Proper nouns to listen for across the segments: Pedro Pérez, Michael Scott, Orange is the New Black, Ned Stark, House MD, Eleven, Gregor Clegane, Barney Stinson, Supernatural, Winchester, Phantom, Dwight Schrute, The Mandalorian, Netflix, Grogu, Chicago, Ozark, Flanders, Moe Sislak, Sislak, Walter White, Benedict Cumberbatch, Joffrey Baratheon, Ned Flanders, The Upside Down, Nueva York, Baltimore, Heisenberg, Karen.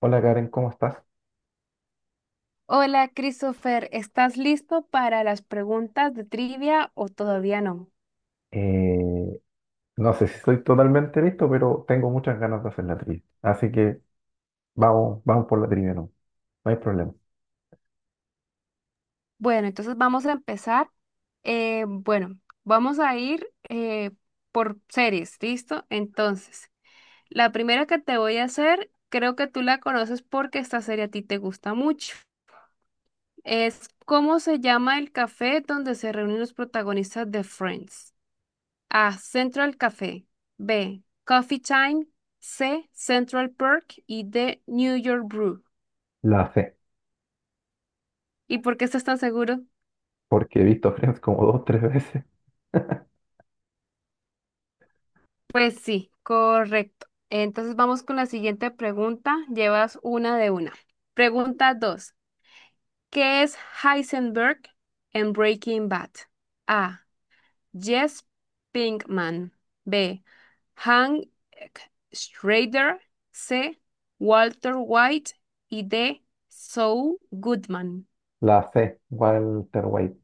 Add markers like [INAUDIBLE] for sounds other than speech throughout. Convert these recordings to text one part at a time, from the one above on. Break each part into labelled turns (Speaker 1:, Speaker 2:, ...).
Speaker 1: Hola Karen, ¿cómo estás?
Speaker 2: Hola, Christopher, ¿estás listo para las preguntas de trivia o todavía no?
Speaker 1: Eh, no sé si estoy totalmente listo, pero tengo muchas ganas de hacer la trivia. Así que vamos, vamos por la trivia, no, no hay problema.
Speaker 2: Bueno, entonces vamos a empezar. Bueno, vamos a ir por series, ¿listo? Entonces, la primera que te voy a hacer, creo que tú la conoces porque esta serie a ti te gusta mucho. Es ¿Cómo se llama el café donde se reúnen los protagonistas de Friends? A. Central Café. B. Coffee Time. C. Central Perk. Y D. New York Brew.
Speaker 1: La C,
Speaker 2: ¿Y por qué estás tan seguro?
Speaker 1: porque he visto [LAUGHS] Friends como dos, tres veces.
Speaker 2: Pues sí, correcto. Entonces vamos con la siguiente pregunta. Llevas 1 de 1. Pregunta 2. ¿Qué es Heisenberg en Breaking Bad? A. Jess Pinkman. B. Hank Schrader. C. Walter White. Y D. Saul Goodman.
Speaker 1: La C, Walter White,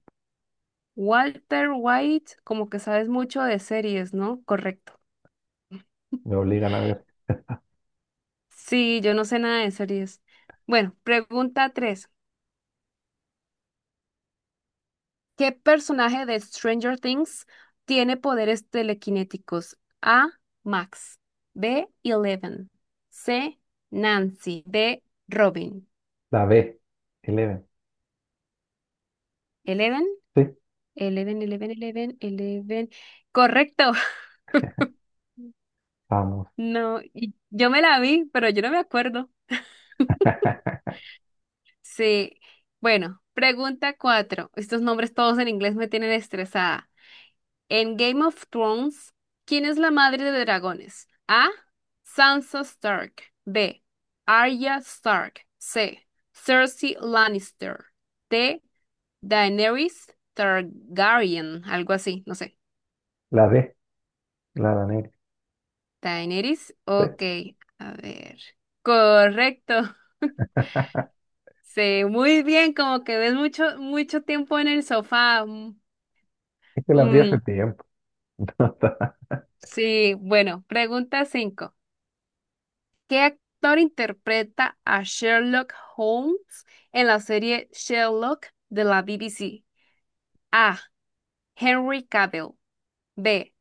Speaker 2: Walter White, como que sabes mucho de series, ¿no? Correcto.
Speaker 1: me
Speaker 2: [LAUGHS]
Speaker 1: obligan a ver.
Speaker 2: Sí, yo no sé nada de series. Bueno, pregunta 3. ¿Qué personaje de Stranger Things tiene poderes telequinéticos? A. Max. B. Eleven. C. Nancy. D. Robin.
Speaker 1: La B, Eleven,
Speaker 2: Eleven.
Speaker 1: sí,
Speaker 2: Eleven, Eleven, Eleven, Eleven. Correcto. [LAUGHS]
Speaker 1: vamos.
Speaker 2: No, y yo me la vi, pero yo no me acuerdo.
Speaker 1: [LAUGHS]
Speaker 2: Sí. Bueno, pregunta cuatro. Estos nombres todos en inglés me tienen estresada. En Game of Thrones, ¿quién es la madre de dragones? A. Sansa Stark. B. Arya Stark. C. Cersei Lannister. D. Daenerys Targaryen. Algo así, no sé.
Speaker 1: La D, la negra,
Speaker 2: Daenerys,
Speaker 1: sí.
Speaker 2: ok. A ver. Correcto.
Speaker 1: [LAUGHS]
Speaker 2: Sí, muy bien, como que ves mucho, mucho tiempo en el sofá. Mm.
Speaker 1: Es que las vi hace
Speaker 2: Mm.
Speaker 1: tiempo,
Speaker 2: Sí, bueno, pregunta 5. ¿Qué actor interpreta a Sherlock Holmes en la serie Sherlock de la BBC? A. Henry Cavill. B.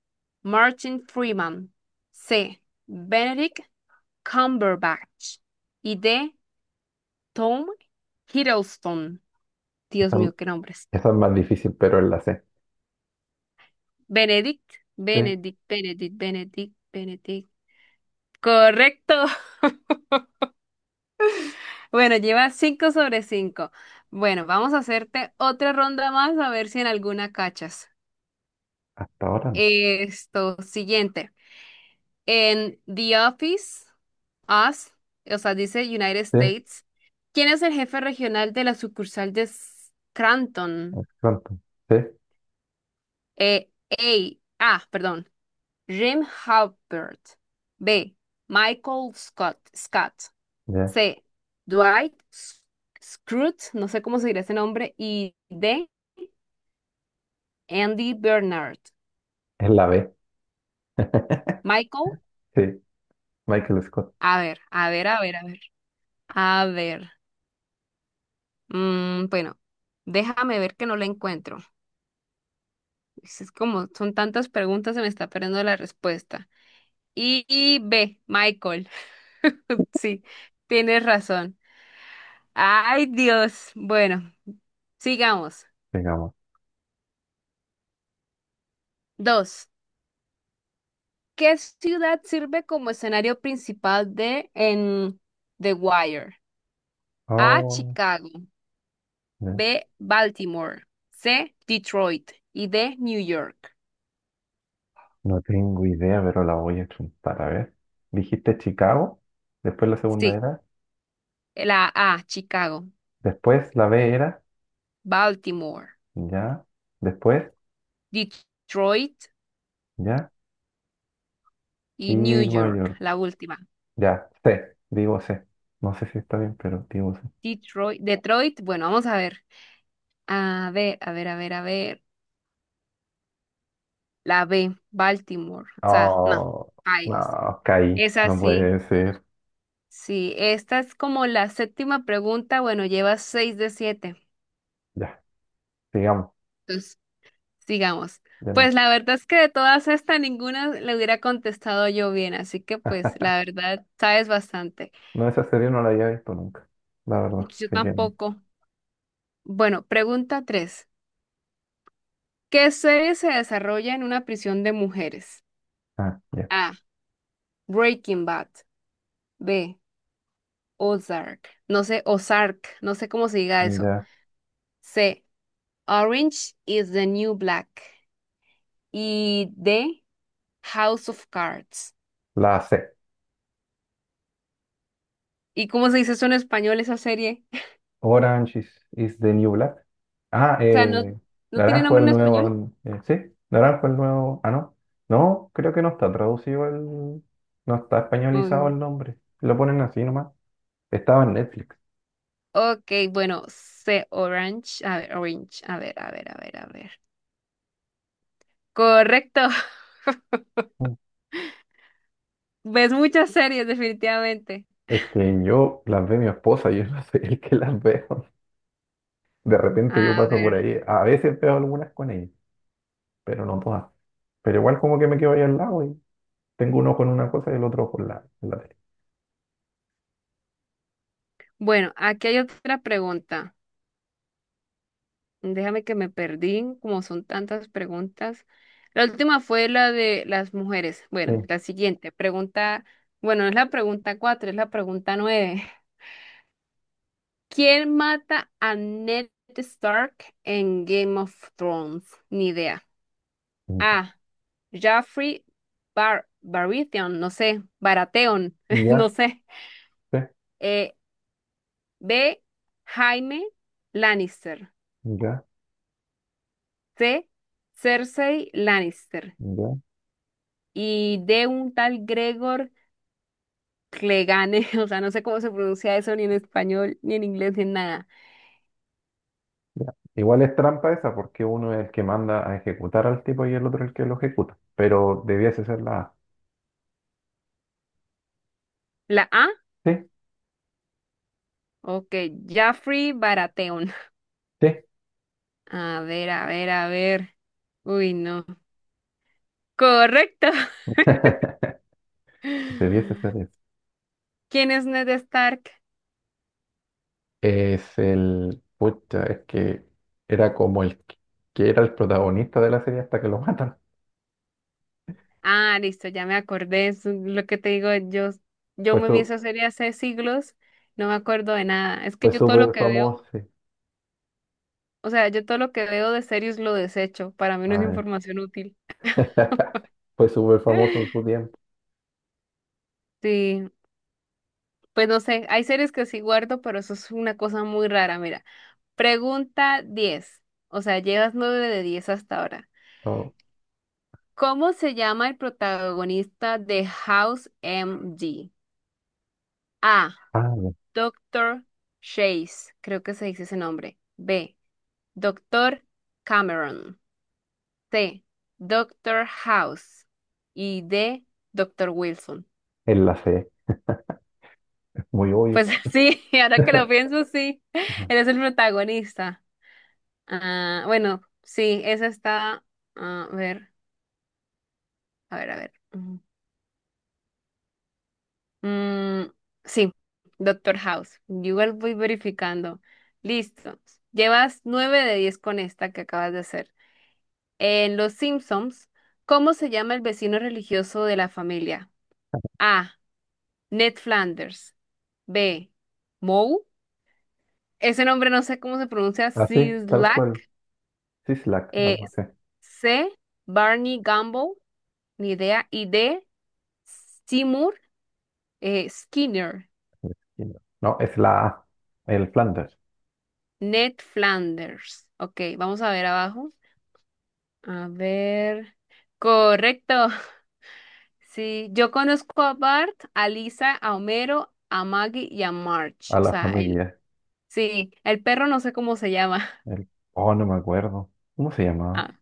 Speaker 2: Martin Freeman. C. Benedict Cumberbatch. Y D. Tom Hiddleston. Dios
Speaker 1: esa,
Speaker 2: mío, qué nombres.
Speaker 1: esa es más difícil, pero es la C.
Speaker 2: Benedict,
Speaker 1: Sí,
Speaker 2: Benedict, Benedict, Benedict, Benedict. Correcto. Bueno, lleva 5 sobre 5. Bueno, vamos a hacerte otra ronda más a ver si en alguna cachas.
Speaker 1: hasta ahora no.
Speaker 2: Esto, siguiente. En The Office, Us, o sea, dice United
Speaker 1: Sí,
Speaker 2: States. ¿Quién es el jefe regional de la sucursal de Scranton?
Speaker 1: Phantom, sí,
Speaker 2: Eh, A. A, perdón. Jim Halpert. B. Michael Scott. Scott.
Speaker 1: ya,
Speaker 2: C. Dwight S- Schrute, no sé cómo se dirá ese nombre. Y D. Andy Bernard.
Speaker 1: es la B, [LAUGHS]
Speaker 2: Michael,
Speaker 1: sí, Michael Scott.
Speaker 2: a ver, a ver, a ver, a ver. A ver. Bueno, déjame ver que no la encuentro. Es como son tantas preguntas, se me está perdiendo la respuesta. Y B, Michael. [LAUGHS] Sí, tienes razón. Ay, Dios. Bueno, sigamos.
Speaker 1: Digamos,
Speaker 2: Dos. ¿Qué ciudad sirve como escenario principal de en The Wire? A,
Speaker 1: oh,
Speaker 2: Chicago.
Speaker 1: no,
Speaker 2: B, Baltimore. C, Detroit. Y D, New York.
Speaker 1: no tengo idea, pero la voy a chuntar. A ver, dijiste Chicago, después la segunda
Speaker 2: Sí,
Speaker 1: era,
Speaker 2: la A, Chicago,
Speaker 1: después la B era,
Speaker 2: Baltimore,
Speaker 1: ya, después,
Speaker 2: Detroit
Speaker 1: ya, y
Speaker 2: y New
Speaker 1: Nueva
Speaker 2: York,
Speaker 1: York,
Speaker 2: la última.
Speaker 1: ya, C, digo C. No sé si está bien, pero digo C.
Speaker 2: Detroit, Detroit, bueno, vamos a ver. A ver, a ver, a ver, a ver. La B, Baltimore. O sea, no,
Speaker 1: Oh,
Speaker 2: bailes.
Speaker 1: no, caí,
Speaker 2: Es
Speaker 1: no puede
Speaker 2: así.
Speaker 1: ser.
Speaker 2: Sí, sí, esta es como la séptima pregunta. Bueno, llevas 6 de 7.
Speaker 1: Ya, sigamos,
Speaker 2: Sigamos.
Speaker 1: ya no.
Speaker 2: Pues la verdad es que de todas estas, ninguna le hubiera contestado yo bien, así que pues
Speaker 1: [LAUGHS]
Speaker 2: la verdad sabes bastante.
Speaker 1: No, esa serie no la había visto nunca, la verdad.
Speaker 2: Yo
Speaker 1: Así que,
Speaker 2: tampoco. Bueno, pregunta tres. ¿Qué serie se desarrolla en una prisión de mujeres?
Speaker 1: ah, ya,
Speaker 2: A. Breaking Bad. B. Ozark. No sé, Ozark. No sé cómo se diga eso.
Speaker 1: ya,
Speaker 2: C. Orange is the New Black. Y D. House of Cards.
Speaker 1: la C.
Speaker 2: ¿Y cómo se dice eso en español, esa serie? [LAUGHS]
Speaker 1: Orange is the New Black. Ah,
Speaker 2: O sea, no,
Speaker 1: eh,
Speaker 2: no tiene
Speaker 1: Naranjo
Speaker 2: nombre
Speaker 1: el
Speaker 2: en español.
Speaker 1: nuevo. Sí, Naranjo el nuevo. Ah, no. No, creo que no está traducido el. No está españolizado
Speaker 2: Um,
Speaker 1: el nombre. Lo ponen así nomás. Estaba en Netflix.
Speaker 2: ok, bueno, C, Orange. A ver, Orange. A ver, a ver, a ver, a ver. Correcto. [LAUGHS]
Speaker 1: Mm.
Speaker 2: Ves muchas series, definitivamente.
Speaker 1: Es que yo las ve mi esposa, yo [LAUGHS] no soy el que las veo. De repente yo
Speaker 2: A
Speaker 1: paso por
Speaker 2: ver.
Speaker 1: ahí. A veces veo algunas con ella, pero no todas. Pero igual como que me quedo ahí al lado y tengo un ojo en una cosa y el otro ojo en la tele.
Speaker 2: Bueno, aquí hay otra pregunta. Déjame que me perdí, como son tantas preguntas. La última fue la de las mujeres. Bueno,
Speaker 1: Sí.
Speaker 2: la siguiente pregunta. Bueno, no es la pregunta cuatro, es la pregunta nueve. ¿Quién mata a Ned Stark en Game of Thrones? Ni idea. A. Jaffrey Bar Baratheon, no sé, Baratheon, [LAUGHS] no
Speaker 1: Ya,
Speaker 2: sé.
Speaker 1: ya,
Speaker 2: Eh, B. Jaime Lannister.
Speaker 1: sí, ya,
Speaker 2: C. Cersei Lannister.
Speaker 1: ya.
Speaker 2: Y D. Un tal Gregor Clegane, [LAUGHS] o sea, no sé cómo se pronuncia eso ni en español, ni en inglés, ni en nada.
Speaker 1: Ya. Igual es trampa esa porque uno es el que manda a ejecutar al tipo y el otro el que lo ejecuta, pero debiese ser la A.
Speaker 2: La A.
Speaker 1: Sí,
Speaker 2: Ok, Jaffrey Baratheon. [LAUGHS]
Speaker 1: sí,
Speaker 2: A ver, a ver, a ver. Uy, no. Correcto.
Speaker 1: [LAUGHS]
Speaker 2: [LAUGHS]
Speaker 1: debiese ser eso.
Speaker 2: ¿Quién es Ned Stark?
Speaker 1: Es el, pucha, es que era como el que era el protagonista de la serie hasta que lo matan.
Speaker 2: Ah, listo, ya me acordé, es lo que te digo, yo
Speaker 1: Fue
Speaker 2: me vi
Speaker 1: su,
Speaker 2: esa serie hace siglos, no me acuerdo de nada, es que
Speaker 1: Fue
Speaker 2: yo todo lo
Speaker 1: súper
Speaker 2: que veo,
Speaker 1: famoso, sí.
Speaker 2: o sea, yo todo lo que veo de series lo desecho, para mí no es
Speaker 1: Ah,
Speaker 2: información útil.
Speaker 1: ya. [LAUGHS] Fue súper famoso en su
Speaker 2: [LAUGHS]
Speaker 1: tiempo.
Speaker 2: Sí, pues no sé, hay series que sí guardo, pero eso es una cosa muy rara, mira. Pregunta 10, o sea, llevas 9 de 10 hasta ahora.
Speaker 1: Oh,
Speaker 2: ¿Cómo se llama el protagonista de House MD? A.
Speaker 1: ah, ya.
Speaker 2: Doctor Chase, creo que se dice ese nombre. B. Doctor Cameron. C. Doctor House. Y D. Doctor Wilson.
Speaker 1: En la C, es muy obvio.
Speaker 2: Pues [LAUGHS] sí, ahora que lo pienso, sí.
Speaker 1: Ajá.
Speaker 2: Él es el protagonista. Ah, bueno, sí, esa está. A ver, a ver, a ver. Ujú. Mm, sí, Doctor House. Yo igual voy verificando. Listo. Llevas nueve de diez con esta que acabas de hacer. En Los Simpsons, ¿cómo se llama el vecino religioso de la familia? A. Ned Flanders. B. Moe. Ese nombre no sé cómo se pronuncia.
Speaker 1: Así, tal
Speaker 2: Sislak.
Speaker 1: cual. Sislak,
Speaker 2: Eh,
Speaker 1: algo así.
Speaker 2: C. Barney Gumble. Ni idea. Y D. Seymour Skinner.
Speaker 1: No, no, es la A, el Flanders.
Speaker 2: Ned Flanders. Ok, vamos a ver abajo. A ver. Correcto. [LAUGHS] Sí, yo conozco a Bart, a Lisa, a Homero, a Maggie y a March.
Speaker 1: A
Speaker 2: O
Speaker 1: la
Speaker 2: sea, el,
Speaker 1: familia.
Speaker 2: sí, el perro no sé cómo se llama. [LAUGHS]
Speaker 1: El- oh, no me acuerdo. ¿Cómo se llamaba?
Speaker 2: Ah,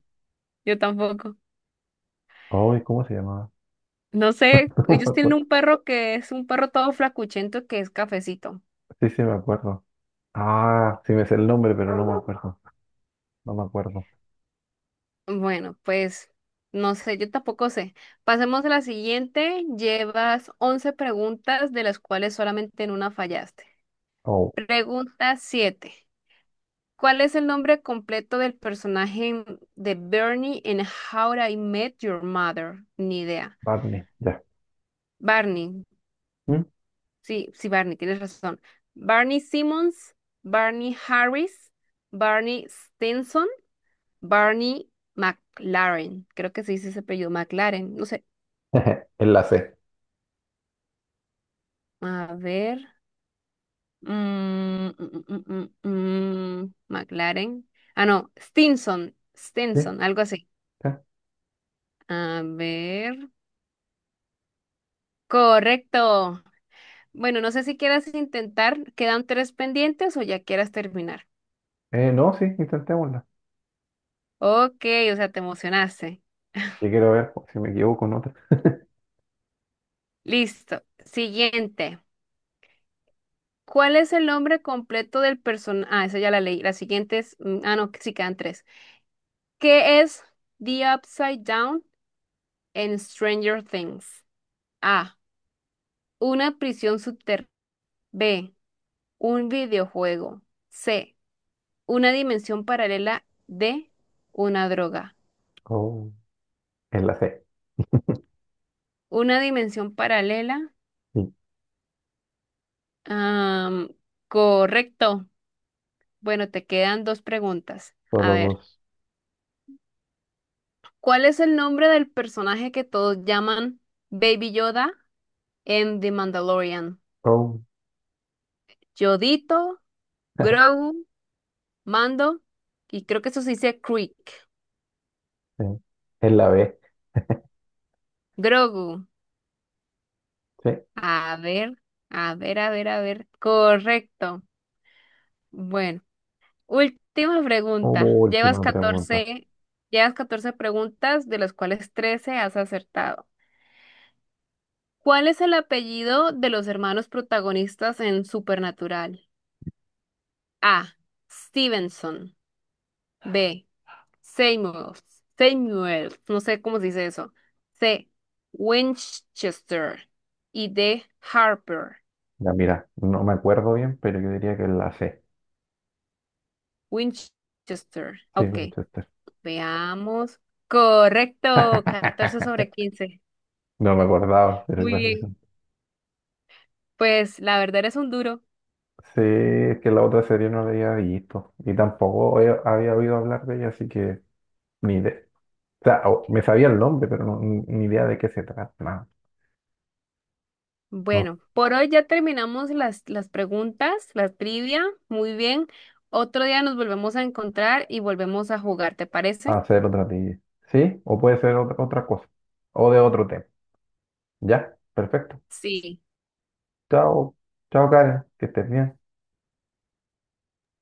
Speaker 2: yo tampoco.
Speaker 1: Ay, ¿cómo se llamaba?
Speaker 2: No sé,
Speaker 1: [LAUGHS] No me
Speaker 2: ellos tienen
Speaker 1: acuerdo.
Speaker 2: un perro que es un perro todo flacuchento que es cafecito.
Speaker 1: Sí, sí, me acuerdo. Ah, sí me sé el nombre, pero no me acuerdo. No me acuerdo.
Speaker 2: Bueno, pues no sé, yo tampoco sé. Pasemos a la siguiente. Llevas 11 preguntas, de las cuales solamente en una fallaste.
Speaker 1: Oh,
Speaker 2: Pregunta 7. ¿Cuál es el nombre completo del personaje de Bernie en How I Met Your Mother? Ni idea.
Speaker 1: Barney, ya.
Speaker 2: Barney.
Speaker 1: ¿Mm?
Speaker 2: Sí, sí, Barney, tienes razón. Barney Simmons, Barney Harris, Barney Stinson. Barney McLaren, creo que se dice ese apellido, McLaren, no sé.
Speaker 1: [LAUGHS] En la C.
Speaker 2: A ver. mm, mm, mm, McLaren. Ah, no, Stinson,
Speaker 1: ¿Sí?
Speaker 2: Stinson, algo así.
Speaker 1: Ya.
Speaker 2: A ver. Correcto. Bueno, no sé si quieras intentar, quedan tres pendientes o ya quieras terminar.
Speaker 1: No, sí, intentémosla.
Speaker 2: Ok, o sea, te emocionaste.
Speaker 1: Yo quiero ver pues, si me equivoco en otra.
Speaker 2: Listo. Siguiente. ¿Cuál es el nombre completo del personaje? Ah, esa ya la leí. La siguiente es, ah, no, sí quedan tres. ¿Qué es The Upside Down en Stranger Things? A. Una prisión subterránea. B. Un videojuego. C. Una dimensión paralela. D. Una droga.
Speaker 1: Oh, en la C.
Speaker 2: Una dimensión paralela.
Speaker 1: Sí,
Speaker 2: am, correcto. Bueno, te quedan dos preguntas. A
Speaker 1: solo
Speaker 2: ver,
Speaker 1: dos.
Speaker 2: ¿cuál es el nombre del personaje que todos llaman Baby Yoda en The Mandalorian?
Speaker 1: Oh,
Speaker 2: ¿Yodito?
Speaker 1: [LAUGHS]
Speaker 2: ¿Grogu? Mando, y creo que eso se dice Creek.
Speaker 1: sí. En la B.
Speaker 2: Grogu.
Speaker 1: Sí.
Speaker 2: A ver, a ver, a ver, a ver. Correcto. Bueno, última pregunta. Llevas
Speaker 1: Última pregunta.
Speaker 2: catorce llevas catorce preguntas, de las cuales 13 has acertado. ¿Cuál es el apellido de los hermanos protagonistas en Supernatural? A. Stevenson. B. Seymour, Seymour, no sé cómo se dice eso. C. Winchester y D. Harper.
Speaker 1: Ya, mira, no me acuerdo bien, pero yo diría que en la C.
Speaker 2: Winchester.
Speaker 1: Sí,
Speaker 2: Ok,
Speaker 1: Winchester.
Speaker 2: veamos. Correcto. 14
Speaker 1: [LAUGHS]
Speaker 2: sobre 15.
Speaker 1: No me acordaba, pero
Speaker 2: Muy
Speaker 1: igual.
Speaker 2: bien. Pues la verdad eres un duro.
Speaker 1: Sí, es que la otra serie no la había visto y tampoco he- había oído hablar de ella, así que ni idea. O sea, o- me sabía el nombre, pero no, ni idea de qué se trata. No, no
Speaker 2: Bueno, por hoy ya terminamos las preguntas, la trivia. Muy bien. Otro día nos volvemos a encontrar y volvemos a jugar, ¿te parece?
Speaker 1: va a ser otra tía. ¿Sí? O puede ser otra cosa. O de otro tema. Ya, perfecto.
Speaker 2: Sí.
Speaker 1: Chao, chao Karen, que estés bien.